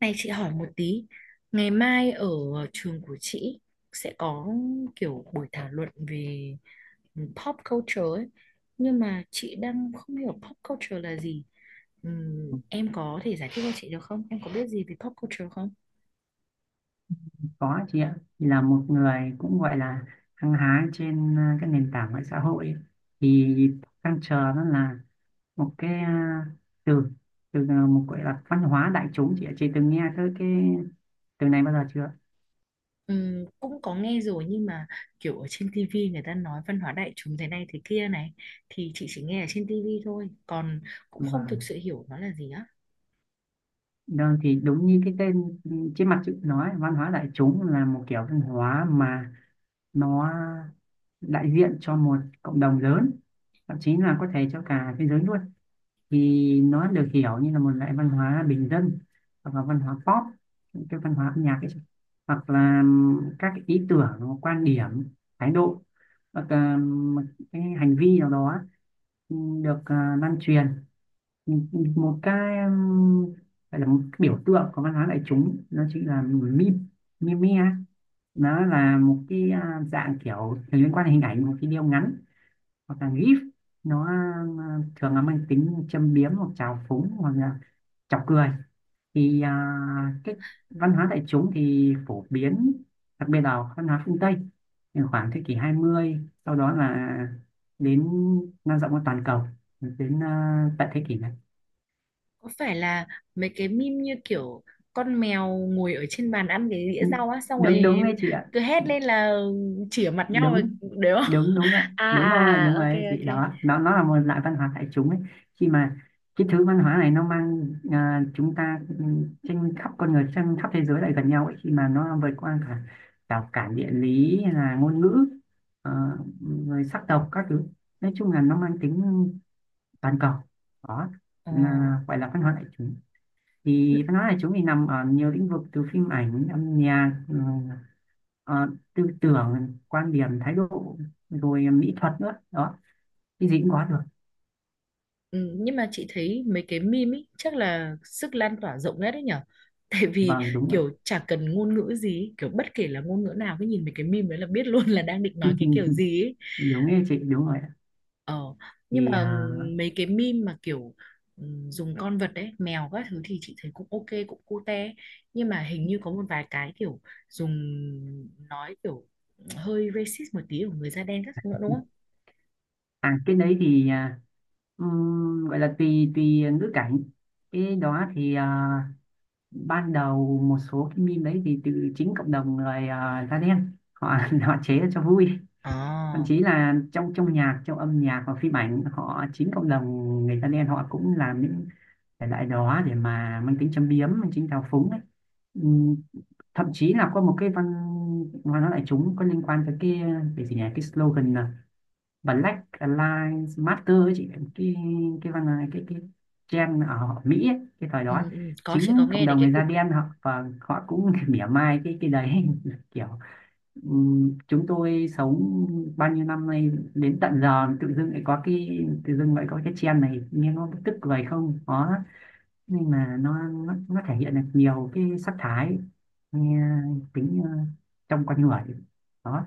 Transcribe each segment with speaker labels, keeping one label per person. Speaker 1: Này chị hỏi một tí, ngày mai ở trường của chị sẽ có kiểu buổi thảo luận về pop culture ấy. Nhưng mà chị đang không hiểu pop culture là gì. Em có thể giải thích cho chị được không? Em có biết gì về pop culture không?
Speaker 2: Có chị ạ, thì là một người cũng gọi là hăng hái trên cái nền tảng mạng xã hội ấy, thì đang chờ nó là một cái từ, một gọi là văn hóa đại chúng chị ạ. Chị từng nghe tới cái từ này bao giờ chưa?
Speaker 1: Cũng có nghe rồi nhưng mà kiểu ở trên TV người ta nói văn hóa đại chúng thế này thế kia này, thì chị chỉ nghe ở trên TV thôi, còn cũng không thực
Speaker 2: Vâng.
Speaker 1: sự hiểu nó là gì á.
Speaker 2: Đó, thì đúng như cái tên trên mặt chữ nói văn hóa đại chúng là một kiểu văn hóa mà nó đại diện cho một cộng đồng lớn, thậm chí là có thể cho cả thế giới luôn, thì nó được hiểu như là một loại văn hóa bình dân hoặc là văn hóa pop, cái văn hóa âm nhạc ấy, hoặc là các cái ý tưởng, quan điểm, thái độ hoặc là một cái hành vi nào đó được lan truyền. Một cái gọi là một cái biểu tượng của văn hóa đại chúng nó chính là meme, á. Nó là một cái dạng kiểu liên quan đến hình ảnh, một video ngắn hoặc là gif, nó thường là mang tính châm biếm hoặc chào phúng hoặc là chọc cười. Thì
Speaker 1: Ờ.
Speaker 2: cái văn hóa đại chúng thì phổ biến, đặc biệt là văn hóa phương Tây, thì khoảng thế kỷ 20, sau đó là đến lan rộng ra toàn cầu đến tận thế kỷ này.
Speaker 1: Có phải là mấy cái meme như kiểu con mèo ngồi ở trên bàn ăn cái đĩa rau á, xong
Speaker 2: Đúng,
Speaker 1: rồi
Speaker 2: đúng đấy chị ạ.
Speaker 1: cứ hét lên là chỉa mặt nhau rồi-
Speaker 2: Đúng,
Speaker 1: đấy không?
Speaker 2: đúng, đúng ạ,
Speaker 1: À
Speaker 2: đúng rồi,
Speaker 1: à,
Speaker 2: đúng
Speaker 1: ok,
Speaker 2: rồi, thì
Speaker 1: ok.
Speaker 2: đó, nó là một loại văn hóa đại chúng ấy. Khi mà cái thứ văn hóa này nó mang chúng ta trên khắp con người trên khắp thế giới lại gần nhau ấy, khi mà nó vượt qua cả rào cản địa lý hay là ngôn ngữ, ờ, rồi sắc tộc các thứ, nói chung là nó mang tính toàn cầu đó,
Speaker 1: Ờ.
Speaker 2: là gọi là văn hóa đại chúng. Thì văn hóa của chúng thì nằm ở nhiều lĩnh vực, từ phim ảnh, âm nhạc, ờ, tư tưởng, quan điểm, thái độ, rồi mỹ thuật nữa đó, cái gì cũng có được.
Speaker 1: Ừ, nhưng mà chị thấy mấy cái meme ý chắc là sức lan tỏa rộng nhất đấy nhở, tại vì
Speaker 2: Vâng, đúng rồi.
Speaker 1: kiểu chả cần ngôn ngữ gì ý, kiểu bất kể là ngôn ngữ nào cứ nhìn mấy cái meme đấy là biết luôn là đang định nói cái kiểu gì ý.
Speaker 2: Đúng như chị, đúng rồi ạ.
Speaker 1: Ờ, nhưng
Speaker 2: Thì
Speaker 1: mà mấy cái meme mà kiểu dùng con vật đấy, mèo các thứ thì chị thấy cũng ok, cũng cute. Nhưng mà hình như có một vài cái kiểu dùng nói kiểu hơi racist một tí của người da đen các thứ nữa đúng không?
Speaker 2: cái đấy thì gọi là tùy tùy ngữ cảnh. Cái đó thì ban đầu một số cái meme đấy thì từ chính cộng đồng người da đen, họ họ chế ra cho vui. Thậm
Speaker 1: Ờ,
Speaker 2: chí là trong trong nhạc, trong âm nhạc và phim ảnh, họ, chính cộng đồng người da đen họ cũng làm những thể loại đó để mà mang tính châm biếm, mang tính thao phúng ấy. Ừm, Thậm chí là có một cái văn văn hóa đại chúng có liên quan tới cái gì nhỉ, cái slogan là Black Lives Matter ấy chị, cái cái văn, cái trend ở họ Mỹ ấy, cái thời đó ấy.
Speaker 1: ừ, ừ, có chị có
Speaker 2: Chính cộng
Speaker 1: nghe đến
Speaker 2: đồng
Speaker 1: cái
Speaker 2: người da
Speaker 1: cụm đấy.
Speaker 2: đen họ, và họ cũng mỉa mai cái đấy, kiểu chúng tôi sống bao nhiêu năm nay đến tận giờ tự dưng lại có cái, tự dưng lại có cái trend này nghe nó tức cười không đó. Nhưng mà nó thể hiện được nhiều cái sắc thái, nghe tính trong con người đó.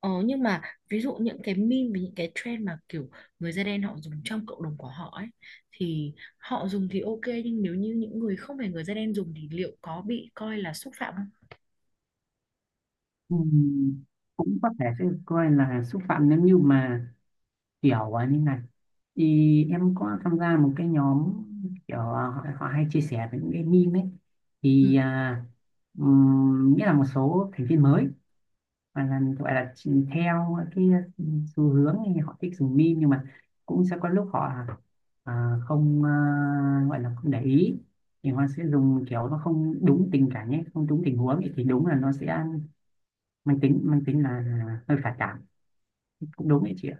Speaker 1: Ờ, nhưng mà ví dụ những cái meme và những cái trend mà kiểu người da đen họ dùng trong cộng đồng của họ ấy thì họ dùng thì ok, nhưng nếu như những người không phải người da đen dùng thì liệu có bị coi là xúc phạm không?
Speaker 2: Ừm, Cũng có thể sẽ coi là xúc phạm nếu như mà kiểu như này, thì em có tham gia một cái nhóm kiểu họ hay chia sẻ về những cái meme ấy. Thì nghĩa là một số thành viên mới và là gọi là theo cái xu hướng thì họ thích dùng meme, nhưng mà cũng sẽ có lúc họ không, gọi là không để ý, thì họ sẽ dùng kiểu nó không đúng tình cảnh ấy, không đúng tình huống ấy, thì đúng là nó sẽ mang tính là hơi phản cảm, cũng đúng đấy chị ạ.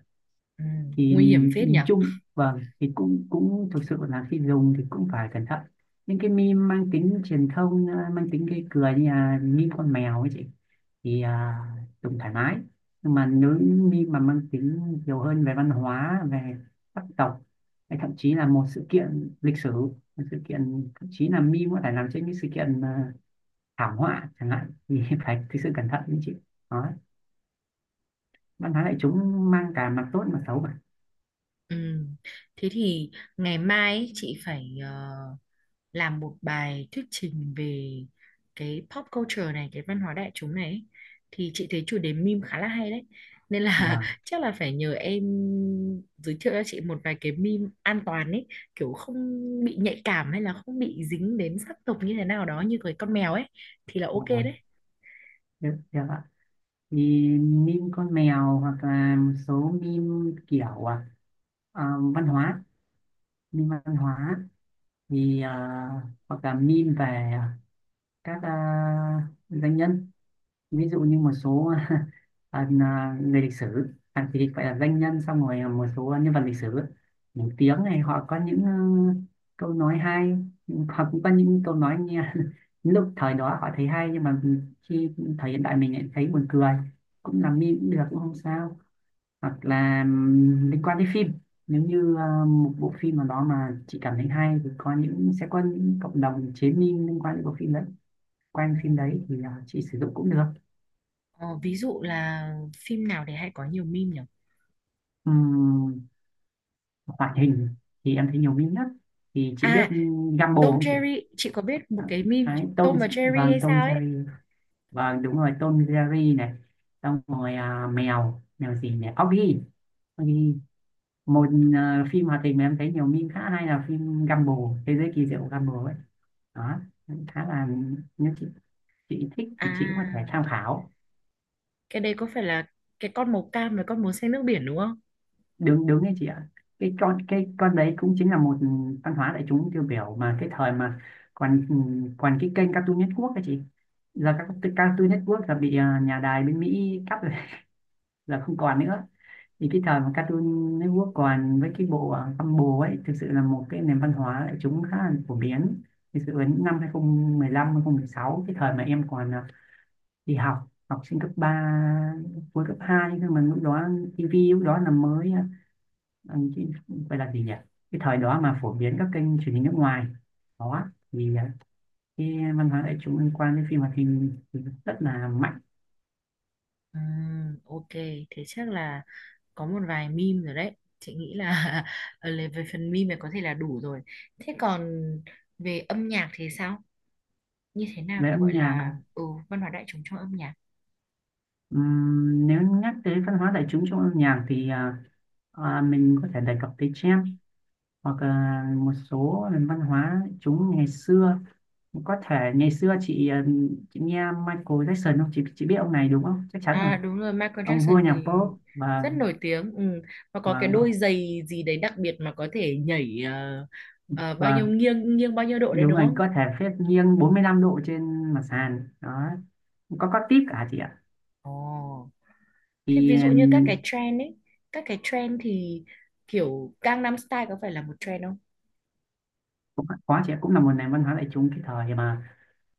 Speaker 1: Ừ,
Speaker 2: Thì
Speaker 1: nguy hiểm phết nhỉ.
Speaker 2: nhìn chung vâng, thì cũng, cũng thực sự là khi dùng thì cũng phải cẩn thận. Những cái meme mang tính truyền thông mang tính gây cười như là meme con mèo ấy chị, thì dùng thoải mái. Nhưng mà nếu những meme mà mang tính nhiều hơn về văn hóa, về sắc tộc hay thậm chí là một sự kiện lịch sử, một sự kiện, thậm chí là meme có thể làm trên những sự kiện thảm họa chẳng hạn, thì phải thực sự cẩn thận đấy chị. Đó, văn hóa đại chúng mang cả mặt tốt mặt xấu mà.
Speaker 1: Ừ. Thế thì ngày mai ấy, chị phải làm một bài thuyết trình về cái pop culture này, cái văn hóa đại chúng này ấy. Thì chị thấy chủ đề meme khá là hay đấy. Nên là
Speaker 2: Vâng.
Speaker 1: chắc là phải nhờ em giới thiệu cho chị một vài cái meme an toàn ấy, kiểu không bị nhạy cảm hay là không bị dính đến sắc tộc như thế nào đó, như cái con mèo ấy thì là ok
Speaker 2: Vâng,
Speaker 1: đấy.
Speaker 2: Thế ạ. Thì meme con mèo, hoặc là một số meme kiểu à, văn hóa, meme văn hóa, thì hoặc là meme về các danh nhân, ví dụ như một số người lịch sử, thì gọi là danh nhân, xong rồi một số nhân vật lịch sử nổi tiếng này họ có những câu nói hay, họ cũng có những câu nói nghe lúc thời đó họ thấy hay nhưng mà khi thời hiện đại mình lại thấy buồn cười, cũng làm meme cũng được, cũng không sao. Hoặc là liên quan đến phim, nếu như một bộ phim nào đó mà chị cảm thấy hay thì có những, sẽ có những cộng đồng chế meme liên quan đến bộ phim đấy, quanh
Speaker 1: Ờ,
Speaker 2: phim đấy, thì chị sử dụng cũng được.
Speaker 1: ờ, ví dụ là phim nào để hay có nhiều meme nhỉ?
Speaker 2: Ừm, Hoạt hình thì em thấy nhiều meme nhất. Thì chị biết
Speaker 1: À,
Speaker 2: Gumball
Speaker 1: Tom
Speaker 2: không chị?
Speaker 1: Jerry chị có biết, một cái meme
Speaker 2: Đấy, Tom,
Speaker 1: Tom và Jerry
Speaker 2: vâng
Speaker 1: hay
Speaker 2: Tom
Speaker 1: sao ấy.
Speaker 2: Jerry, vâng đúng rồi, Tom Jerry này, xong rồi mèo, gì nhỉ, Oggy, Oggy. Một phim hoạt hình mà em thấy nhiều meme khá hay là phim Gumball, thế giới kỳ diệu của Gumball ấy, đó. Khá là, nếu chị thích
Speaker 1: À
Speaker 2: thì chị cũng có thể tham khảo.
Speaker 1: cái đây có phải là cái con màu cam và con màu xanh nước biển đúng không?
Speaker 2: Đúng, đúng đấy chị ạ. Cái con, cái con đấy cũng chính là một văn hóa đại chúng tiêu biểu mà, cái thời mà còn, còn cái kênh Cartoon Network đấy chị. Giờ các cái Cartoon Network là bị nhà đài bên Mỹ cắt rồi, là không còn nữa. Thì cái thời mà Cartoon Network còn với cái bộ Gumball ấy, thực sự là một cái nền văn hóa đại chúng khá là phổ biến. Thực sự đến năm 2015, sáu, cái thời mà em còn đi học, học sinh cấp 3, cuối cấp 2, nhưng mà lúc đó tivi lúc đó là mới ờ, là gì nhỉ, cái thời đó mà phổ biến các kênh truyền hình nước ngoài đó, thì cái văn hóa đại chúng liên quan đến phim hoạt hình thì rất là mạnh.
Speaker 1: Ok, thế chắc là có một vài meme rồi đấy, chị nghĩ là ở về phần meme này có thể là đủ rồi. Thế còn về âm nhạc thì sao, như thế nào
Speaker 2: Về
Speaker 1: thì
Speaker 2: âm
Speaker 1: gọi
Speaker 2: nhạc
Speaker 1: là
Speaker 2: à.
Speaker 1: văn hóa đại chúng trong âm nhạc?
Speaker 2: Nếu nhắc tới văn hóa đại chúng trong âm nhạc thì mình có thể đề cập tới jazz hoặc là một số nền văn hóa chúng ngày xưa. Có thể ngày xưa chị, chị nghe Michael Jackson không chị? Chị biết ông này đúng không, chắc chắn rồi.
Speaker 1: À đúng rồi, Michael
Speaker 2: Ông vua
Speaker 1: Jackson
Speaker 2: nhạc
Speaker 1: thì
Speaker 2: pop.
Speaker 1: rất
Speaker 2: Và
Speaker 1: nổi tiếng. Ừ. Và có cái
Speaker 2: và
Speaker 1: đôi giày gì đấy đặc biệt mà có thể nhảy bao nhiêu,
Speaker 2: và
Speaker 1: nghiêng nghiêng bao nhiêu độ đấy
Speaker 2: đúng
Speaker 1: đúng
Speaker 2: rồi,
Speaker 1: không?
Speaker 2: có thể phép nghiêng 45 độ trên mặt sàn đó, có tip cả chị ạ.
Speaker 1: Ồ. Thế
Speaker 2: Thì
Speaker 1: ví dụ như các cái trend ấy, các cái trend thì kiểu Gangnam Style có phải là một trend không?
Speaker 2: ờ, cũng quá chị ạ, cũng là một nền văn hóa đại chúng. Cái thời mà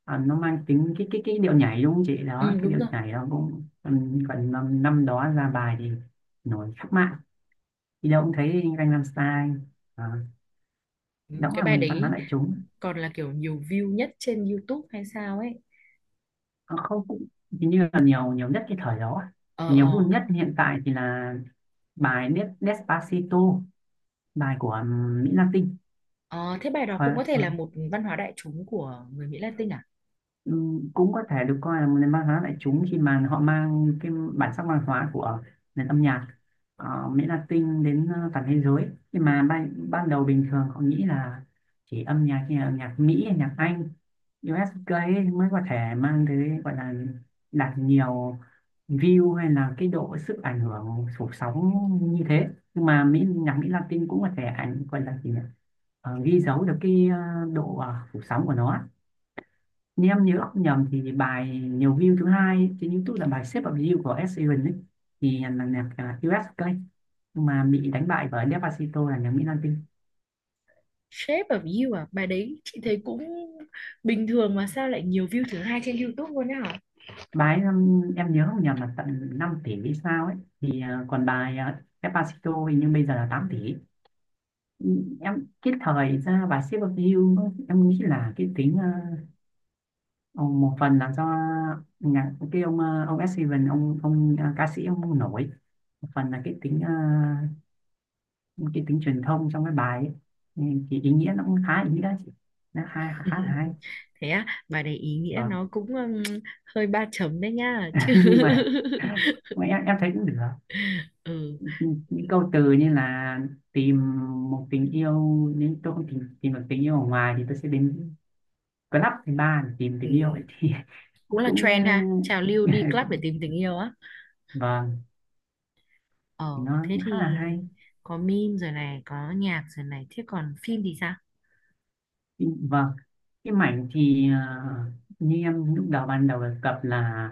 Speaker 2: nó mang tính, cái điệu nhảy, đúng không chị, đó,
Speaker 1: Ừ
Speaker 2: cái
Speaker 1: đúng
Speaker 2: điệu
Speaker 1: rồi.
Speaker 2: nhảy nó cũng còn năm, năm đó ra bài thì nổi khắp mạng, đi đâu cũng thấy anh Gangnam Style đó,
Speaker 1: Ừ,
Speaker 2: đó cũng
Speaker 1: cái
Speaker 2: là
Speaker 1: bài
Speaker 2: một văn hóa
Speaker 1: đấy
Speaker 2: đại chúng.
Speaker 1: còn là kiểu nhiều view nhất trên YouTube hay sao ấy.
Speaker 2: Ờ, không cũng hình như là nhiều nhiều nhất cái thời đó.
Speaker 1: Ờ
Speaker 2: Nhiều vui
Speaker 1: ờ.
Speaker 2: nhất hiện tại thì là bài Despacito, bài của Mỹ Latin.
Speaker 1: Ờ, thế bài đó
Speaker 2: Thời,
Speaker 1: cũng có thể là một văn hóa đại chúng của người Mỹ Latin à?
Speaker 2: ừ, cũng có thể được coi là một nền văn hóa đại chúng khi mà họ mang cái bản sắc văn hóa của nền âm nhạc Mỹ Latin đến toàn thế giới. Nhưng mà ban đầu bình thường họ nghĩ là chỉ âm nhạc, như là âm nhạc Mỹ, âm nhạc Anh, USK ấy mới có thể mang tới gọi là đạt nhiều view, hay là cái độ sức ảnh hưởng phủ sóng như thế. Nhưng mà Mỹ, nhạc Mỹ Latin cũng có thể ảnh, gọi là gì nhỉ? Ờ, ghi dấu được cái độ phủ sóng của nó. Nếu em nhớ không nhầm thì bài nhiều view thứ hai trên YouTube là bài Shape of You của Ed Sheeran ấy, thì là nhạc US Clay, nhưng mà bị đánh bại bởi Despacito là nhạc Mỹ Latin.
Speaker 1: Shape of You à, bài đấy chị thấy cũng bình thường mà sao lại nhiều view thứ hai trên YouTube luôn á hả?
Speaker 2: Bài em nhớ không nhầm là tận 5 tỷ hay sao ấy, thì còn bài Despacito hình như bây giờ là 8 tỷ. Ừ, em, cái thời ra bài Shape of You, em nghĩ là cái tính một phần là do nhạc, cái ông ông Ed Sheeran, ông, ca sĩ ông nổi, một phần là cái tính những cái tính truyền thông trong cái bài ấy. Nên cái ý nghĩa nó cũng khá ý nghĩa, nó hay, khá là hay.
Speaker 1: Thế á, bài đấy ý nghĩa
Speaker 2: Vâng.
Speaker 1: nó cũng hơi ba chấm đấy nha chứ.
Speaker 2: Nhưng mà em thấy cũng được.
Speaker 1: Ừ,
Speaker 2: Những câu từ như là tìm một tình yêu, nếu tôi không tìm được tình yêu ở ngoài thì tôi sẽ đến club thứ ba để tìm tình yêu ấy,
Speaker 1: ừ,
Speaker 2: thì
Speaker 1: cũng là
Speaker 2: cũng
Speaker 1: trend ha, trào lưu đi club để
Speaker 2: cũng
Speaker 1: tìm tình yêu á.
Speaker 2: vâng, thì
Speaker 1: Ờ,
Speaker 2: nó
Speaker 1: thế
Speaker 2: cũng
Speaker 1: thì
Speaker 2: khá là hay.
Speaker 1: có meme rồi này, có nhạc rồi này, thế còn phim thì sao?
Speaker 2: Vâng, cái mảnh thì như em lúc đầu, ban đầu đề cập là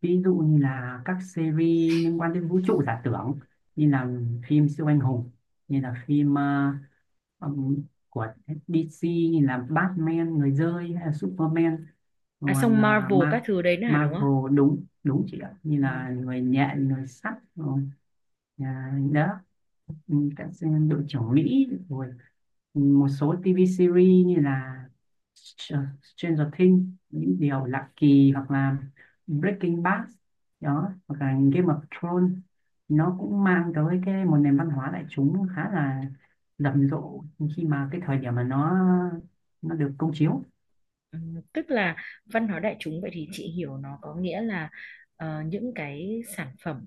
Speaker 2: ví dụ như là các series liên quan đến vũ trụ giả tưởng, như là phim siêu anh hùng, như là phim ừm, của DC như là Batman, người rơi, hay là Superman.
Speaker 1: À
Speaker 2: Còn
Speaker 1: xong Marvel các thứ đấy nữa hả đúng không?
Speaker 2: Marvel, đúng, đúng chị ạ, như
Speaker 1: Ừ.
Speaker 2: là người nhện, người sắt rồi đó. Ừ, các đội trưởng Mỹ rồi, một số TV series như là Stranger Things, những điều lạ kỳ, hoặc là Breaking Bad đó, hoặc là Game of Thrones, nó cũng mang tới cái một nền văn hóa đại chúng khá là rầm rộ khi mà cái thời điểm mà nó được công chiếu.
Speaker 1: Ừ, tức là văn hóa đại chúng vậy thì chị hiểu nó có nghĩa là những cái sản phẩm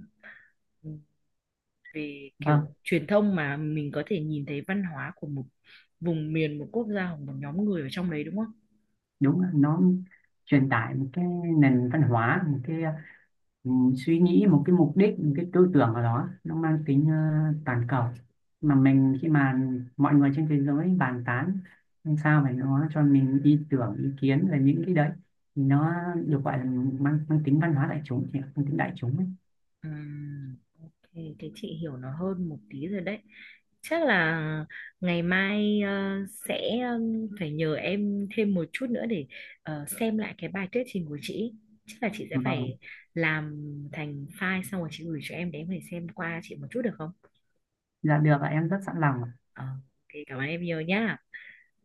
Speaker 1: về
Speaker 2: Vâng.
Speaker 1: kiểu truyền thông mà mình có thể nhìn thấy văn hóa của một vùng miền, một quốc gia hoặc một nhóm người ở trong đấy đúng không?
Speaker 2: Đúng là nó truyền tải một cái nền văn hóa, một cái ừ, suy nghĩ, một cái mục đích, một cái tư tưởng ở đó, nó mang tính toàn cầu mà mình, khi mà mọi người trên thế giới bàn tán, làm sao phải nó cho mình ý tưởng, ý kiến về những cái đấy, thì nó được gọi là mang tính văn hóa đại chúng, thì mang tính đại chúng ấy.
Speaker 1: Ừm, thì chị hiểu nó hơn một tí rồi đấy. Chắc là ngày mai sẽ phải nhờ em thêm một chút nữa để xem lại cái bài thuyết trình của chị, chắc là chị sẽ
Speaker 2: Vâng.
Speaker 1: phải làm thành file xong rồi chị gửi cho em để em có thể xem qua chị một chút được không?
Speaker 2: Dạ được ạ, em rất sẵn lòng ạ.
Speaker 1: Ờ, thì cảm ơn em nhiều nhá.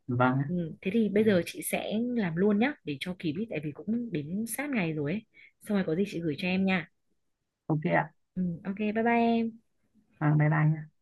Speaker 2: Vâng ạ.
Speaker 1: Ừ, thế thì bây giờ chị sẽ làm luôn nhá để cho kịp ý, tại vì cũng đến sát ngày rồi ấy, xong rồi có gì chị gửi cho em nha.
Speaker 2: Ok ạ.
Speaker 1: Ừ, ok, bye bye em.
Speaker 2: Vâng, bye bye nhé.